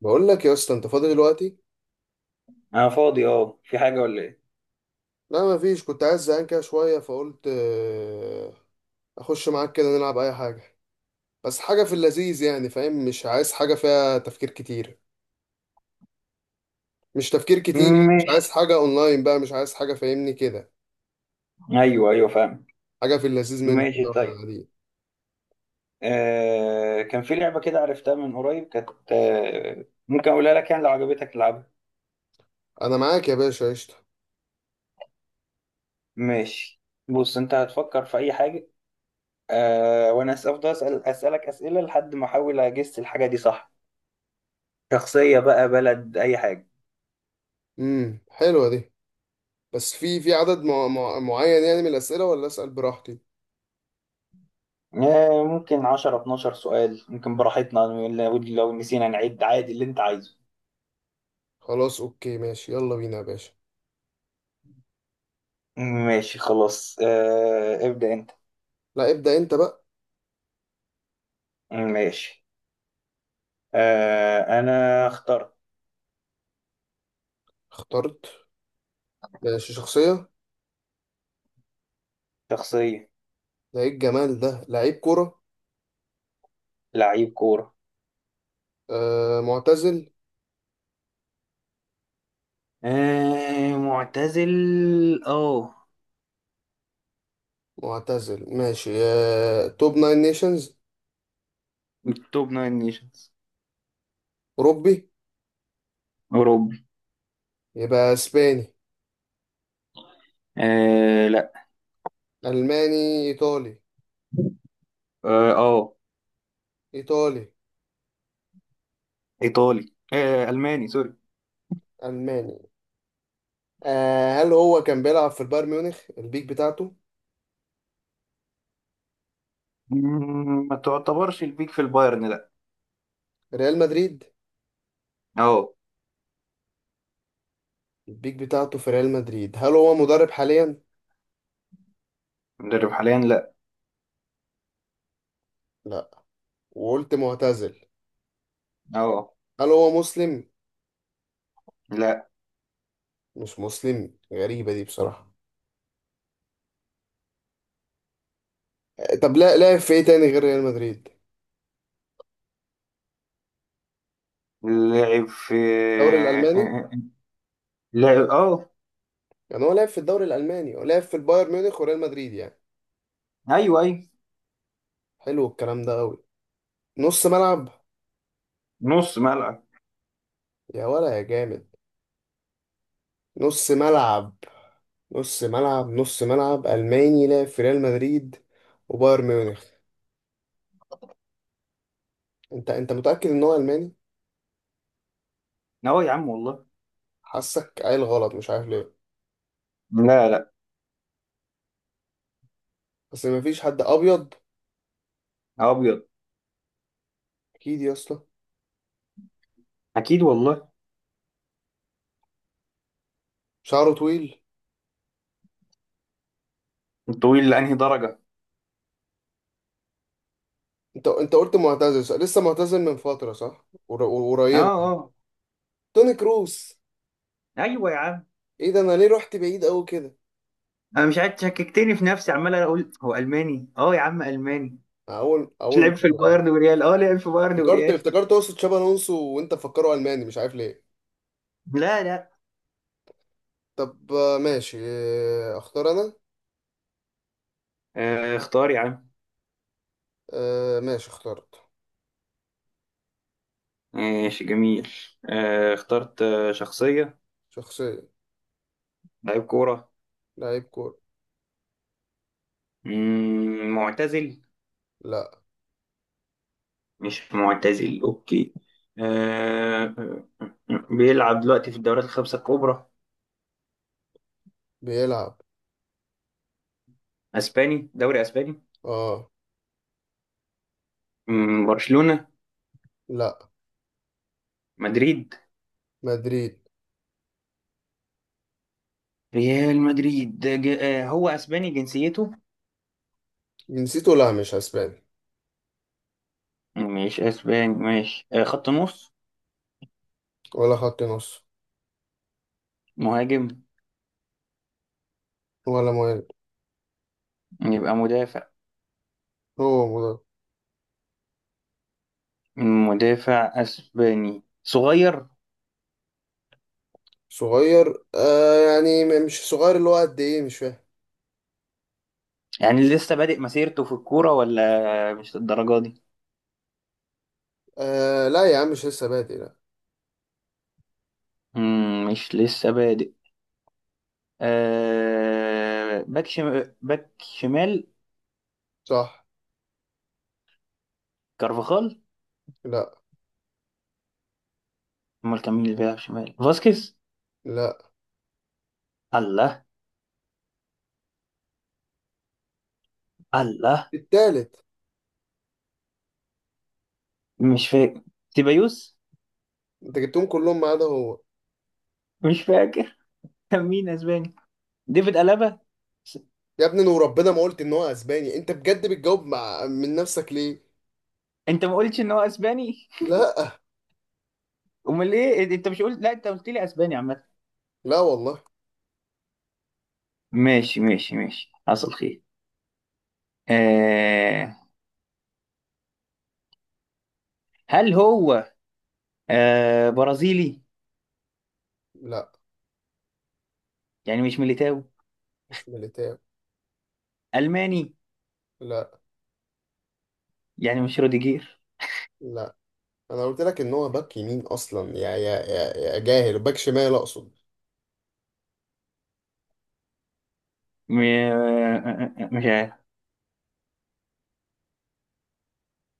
بقول لك يا اسطى انت فاضي دلوقتي؟ انا فاضي، في حاجه ولا ايه؟ لا ما فيش، كنت عايز زهقان كده شويه فقلت اخش معاك كده نلعب اي حاجه، بس حاجه في اللذيذ يعني، فاهم؟ مش عايز حاجه فيها تفكير كتير، مش تفكير كتير، مش ماشي. عايز حاجه اونلاين بقى، مش عايز حاجه، فاهمني كده؟ ايوه، ايوه، فاهم. حاجه في اللذيذ من ماشي، كده واحنا طيب. قاعدين. كان في لعبه كده عرفتها من قريب، كانت ممكن اقولها لك يعني لو عجبتك العبها. انا معاك يا باشا، قشطه. ماشي. بص، انت هتفكر في اي حاجه. وانا افضل اسالك اسئله لحد ما احاول اجس الحاجه دي صح؟ شخصيه بقى، بلد اي حاجه؟ حلوه دي. بس في عدد معين يعني من الاسئله، ولا اسال براحتي؟ ممكن 10 12 سؤال، ممكن براحتنا. لو نسينا نعد عادي اللي انت عايزه. خلاص اوكي، ماشي، يلا بينا يا باشا. ماشي خلاص، ابدأ انت. لا ابدا انت بقى. ماشي. انا اخترت. اخترت؟ ماشي، شخصيه. شخصية. ده ايه الجمال ده، لعيب كرة. لعيب كورة. آه معتزل. آه، معتزل. اه، معتزل ماشي. آه، توب ناين نيشنز. من توب ناين نيشنز. أوروبي. اوروبي. يبقى اسباني. آه، لا. ألماني إيطالي. اه، آه، إيطالي. ايطالي، الماني سوري. ألماني. آه، هل هو كان بيلعب في البايرن ميونخ البيك بتاعته؟ ما تعتبرش البيك في البايرن، لا. ريال مدريد. اه. البيك بتاعته في ريال مدريد. هل هو مدرب حاليا؟ مدرب حاليا، لا. لا. وقلت معتزل. اه. هل هو مسلم؟ لا. مش مسلم، غريبة دي بصراحة. طب لا، لعب في ايه تاني غير ريال مدريد؟ لعب في. الدوري الألماني. لعب، يعني هو لعب في الدوري الألماني، ولعب في البايرن ميونخ وريال مدريد يعني. آه، ايوه، ايوه. حلو الكلام ده قوي. نص ملعب. نص ملعب. يا ولا يا جامد. نص ملعب. نص ملعب، نص ملعب ألماني لعب في ريال مدريد وبايرن ميونخ. انت متأكد ان هو ألماني؟ اه، يا عم والله. حاسك قايل غلط، مش عارف ليه. لا، لا. بس مفيش حد أبيض. ابيض. أكيد يا اسطى. اكيد والله. شعره طويل. طويل لانهي درجة؟ انت قلت معتزل صح؟ لسه معتزل من فترة صح؟ اه، قريبة. اه. توني كروس. ايوه يا عم. ايه ده، انا ليه رحت بعيد قوي كده. انا مش عارف، شككتني في نفسي عمال اقول هو الماني، يا عم الماني. اول مش اول لعب في مرة. البايرن وريال، لعب في بايرن افتكرت وريال. افتكرت اقصد شابي الونسو، وانت مفكره الماني، مش عارف ليه. لا، لا. طب ماشي. اختار انا. اختار يا عم. ماشي، اخترت. ماشي، جميل. اخترت، شخصية. شخصية. لعيب كورة. لعيب كورة. معتزل؟ لا. مش معتزل، اوكي. آه بيلعب دلوقتي في الدوريات الخمسة الكبرى؟ بيلعب. اسباني، دوري اسباني؟ اه. برشلونة؟ لا. مدريد؟ مدريد. ريال مدريد، هو اسباني جنسيته؟ جنسيته لا مش اسباني. مش اسباني، ماشي، خط نص؟ ولا خط نص. مهاجم؟ ولا مهاجم. يبقى مدافع. هو مدرب. مدافع اسباني، صغير؟ صغير؟ آه يعني مش صغير، اللي هو قد ايه؟ مش فاهم. يعني لسه بادئ مسيرته في الكورة ولا مش للدرجة دي؟ آه لا يا عم، مش لسه بادئ لا. مش لسه بادئ. باك شمال؟ صح. كارفاخال؟ لا. امال كان مين اللي بيلعب شمال، فاسكيز؟ لا. الله. الله. التالت. مش فاكر. تيبايوس؟ انت جبتهم كلهم ما عدا هو. مش فاكر. كان مين اسباني؟ ديفيد ألابا؟ س- يا ابني، انا وربنا ما قلت ان هو اسباني، انت بجد بتجاوب مع من نفسك ليه؟ انت ما قلتش ان هو اسباني؟ لا. امال ايه؟ انت مش قلت لا، انت قلت لي اسباني عامه. لا والله. ماشي، ماشي، ماشي، حصل خير. آه... هل هو برازيلي؟ لا يعني مش ميليتاو؟ مش ميليتاو. الماني؟ لا. يعني مش روديجير؟ لا. انا قلت لك ان هو باك يمين اصلا، يا جاهل، باك شمال اقصد. م... آه، آه، آه، مش عارف.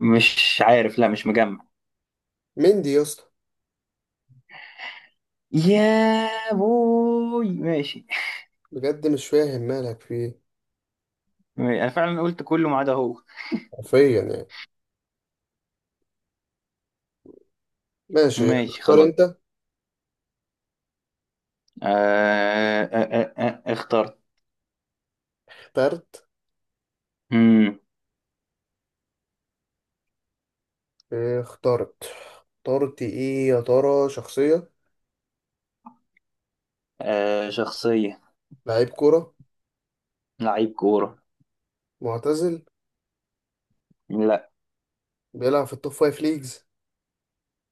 مش عارف، لا مش مجمع. مندي يا اسطى. يا بوي، ماشي. بجد مش فاهم مالك فيه. انا فعلا قلت كله ما عدا هو. حرفيا يعني. ماشي، ماشي اختار خلاص. انت. آه... آه... اخترت. اخترت؟ مم. إيه، اخترت. اخترت ايه يا ترى، شخصية؟ شخصية. لعيب كرة. لعيب كورة. معتزل. لا. بيلعب في التوب فايف ليجز.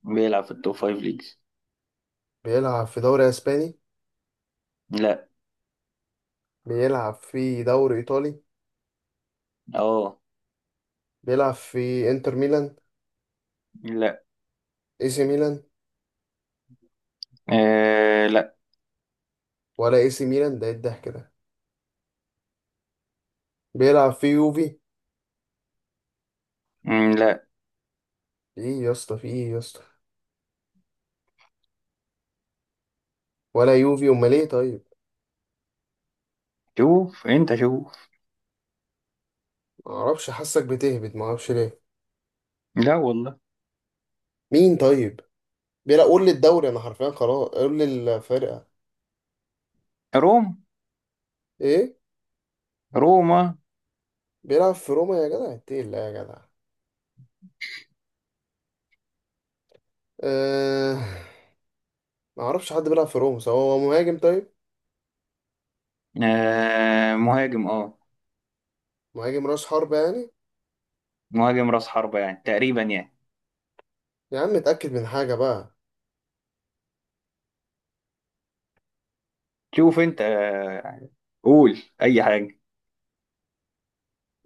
بيلعب في التوب فايف ليجز. بيلعب في دوري اسباني. لا. بيلعب في دوري ايطالي. اه. بيلعب في انتر ميلان. لا. اي سي ميلان. آه، لا. ولا اي سي ميلان، ده إيه الضحك ده. بيلعب في يوفي. لا. ايه يا اسطى، في ايه يا اسطى؟ ولا يوفي، امال ايه طيب؟ شوف انت، شوف. ما اعرفش، حاسك بتهبد، ما اعرفش ليه. لا والله. مين طيب؟ بيلعب، قول لي الدوري، انا حرفيا خلاص قول لي الفرقه. روم. ايه؟ روما. بيلعب في روما، يا جدع إنت ايه، لا يا جدع. أه... ما اعرفش حد بيلعب في روما. سواء هو مهاجم طيب؟ آه، مهاجم، اه. مهاجم راس حربة يعني. مهاجم راس حربة يعني، تقريبا يعني. يا عم اتاكد من حاجه بقى. شوف انت، قول اي حاجة.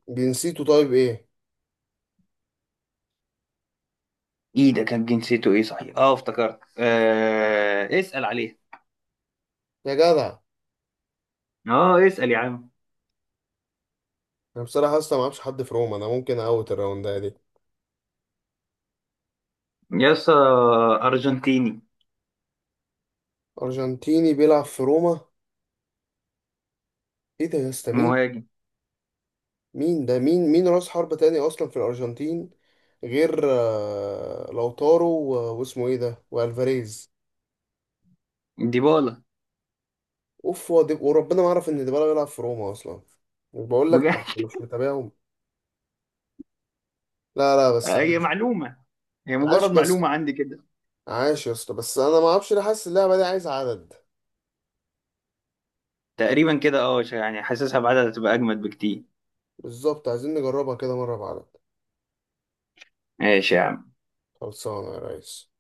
جنسيته طيب ايه؟ ايه ده، كان جنسيته ايه صحيح؟ اه افتكرت، اسأل عليه. يا جدع، اه، اسأل يا عم. انا بصراحه اصلا ما اعرفش حد في روما، انا ممكن اوت الراوند ده. يسا. ارجنتيني. أرجنتيني بيلعب في روما. إيه ده يا اسطى، مين؟ مهاجم. مين ده؟ مين مين رأس حربة تاني أصلا في الأرجنتين غير لوتارو واسمه إيه ده، وألفاريز. ديبالا. أوف، هو وربنا ما أعرف إن ديبالا بيلعب في روما أصلا. مش بقول لك أنا بجد. مش متابعهم. لا لا بس هي عاش. معلومة. هي عاش مجرد بس. معلومة عندي كده. عاش يا اسطى، بس أنا ما أعرفش ليه حاسس اللعبة دي عايز عدد. تقريبا كده، يعني حاسسها بعدها تبقى اجمد بكتير. بالظبط، عايزين نجربها كده مرة بعدد. ماشي يا عم. خلصانة يا ريس.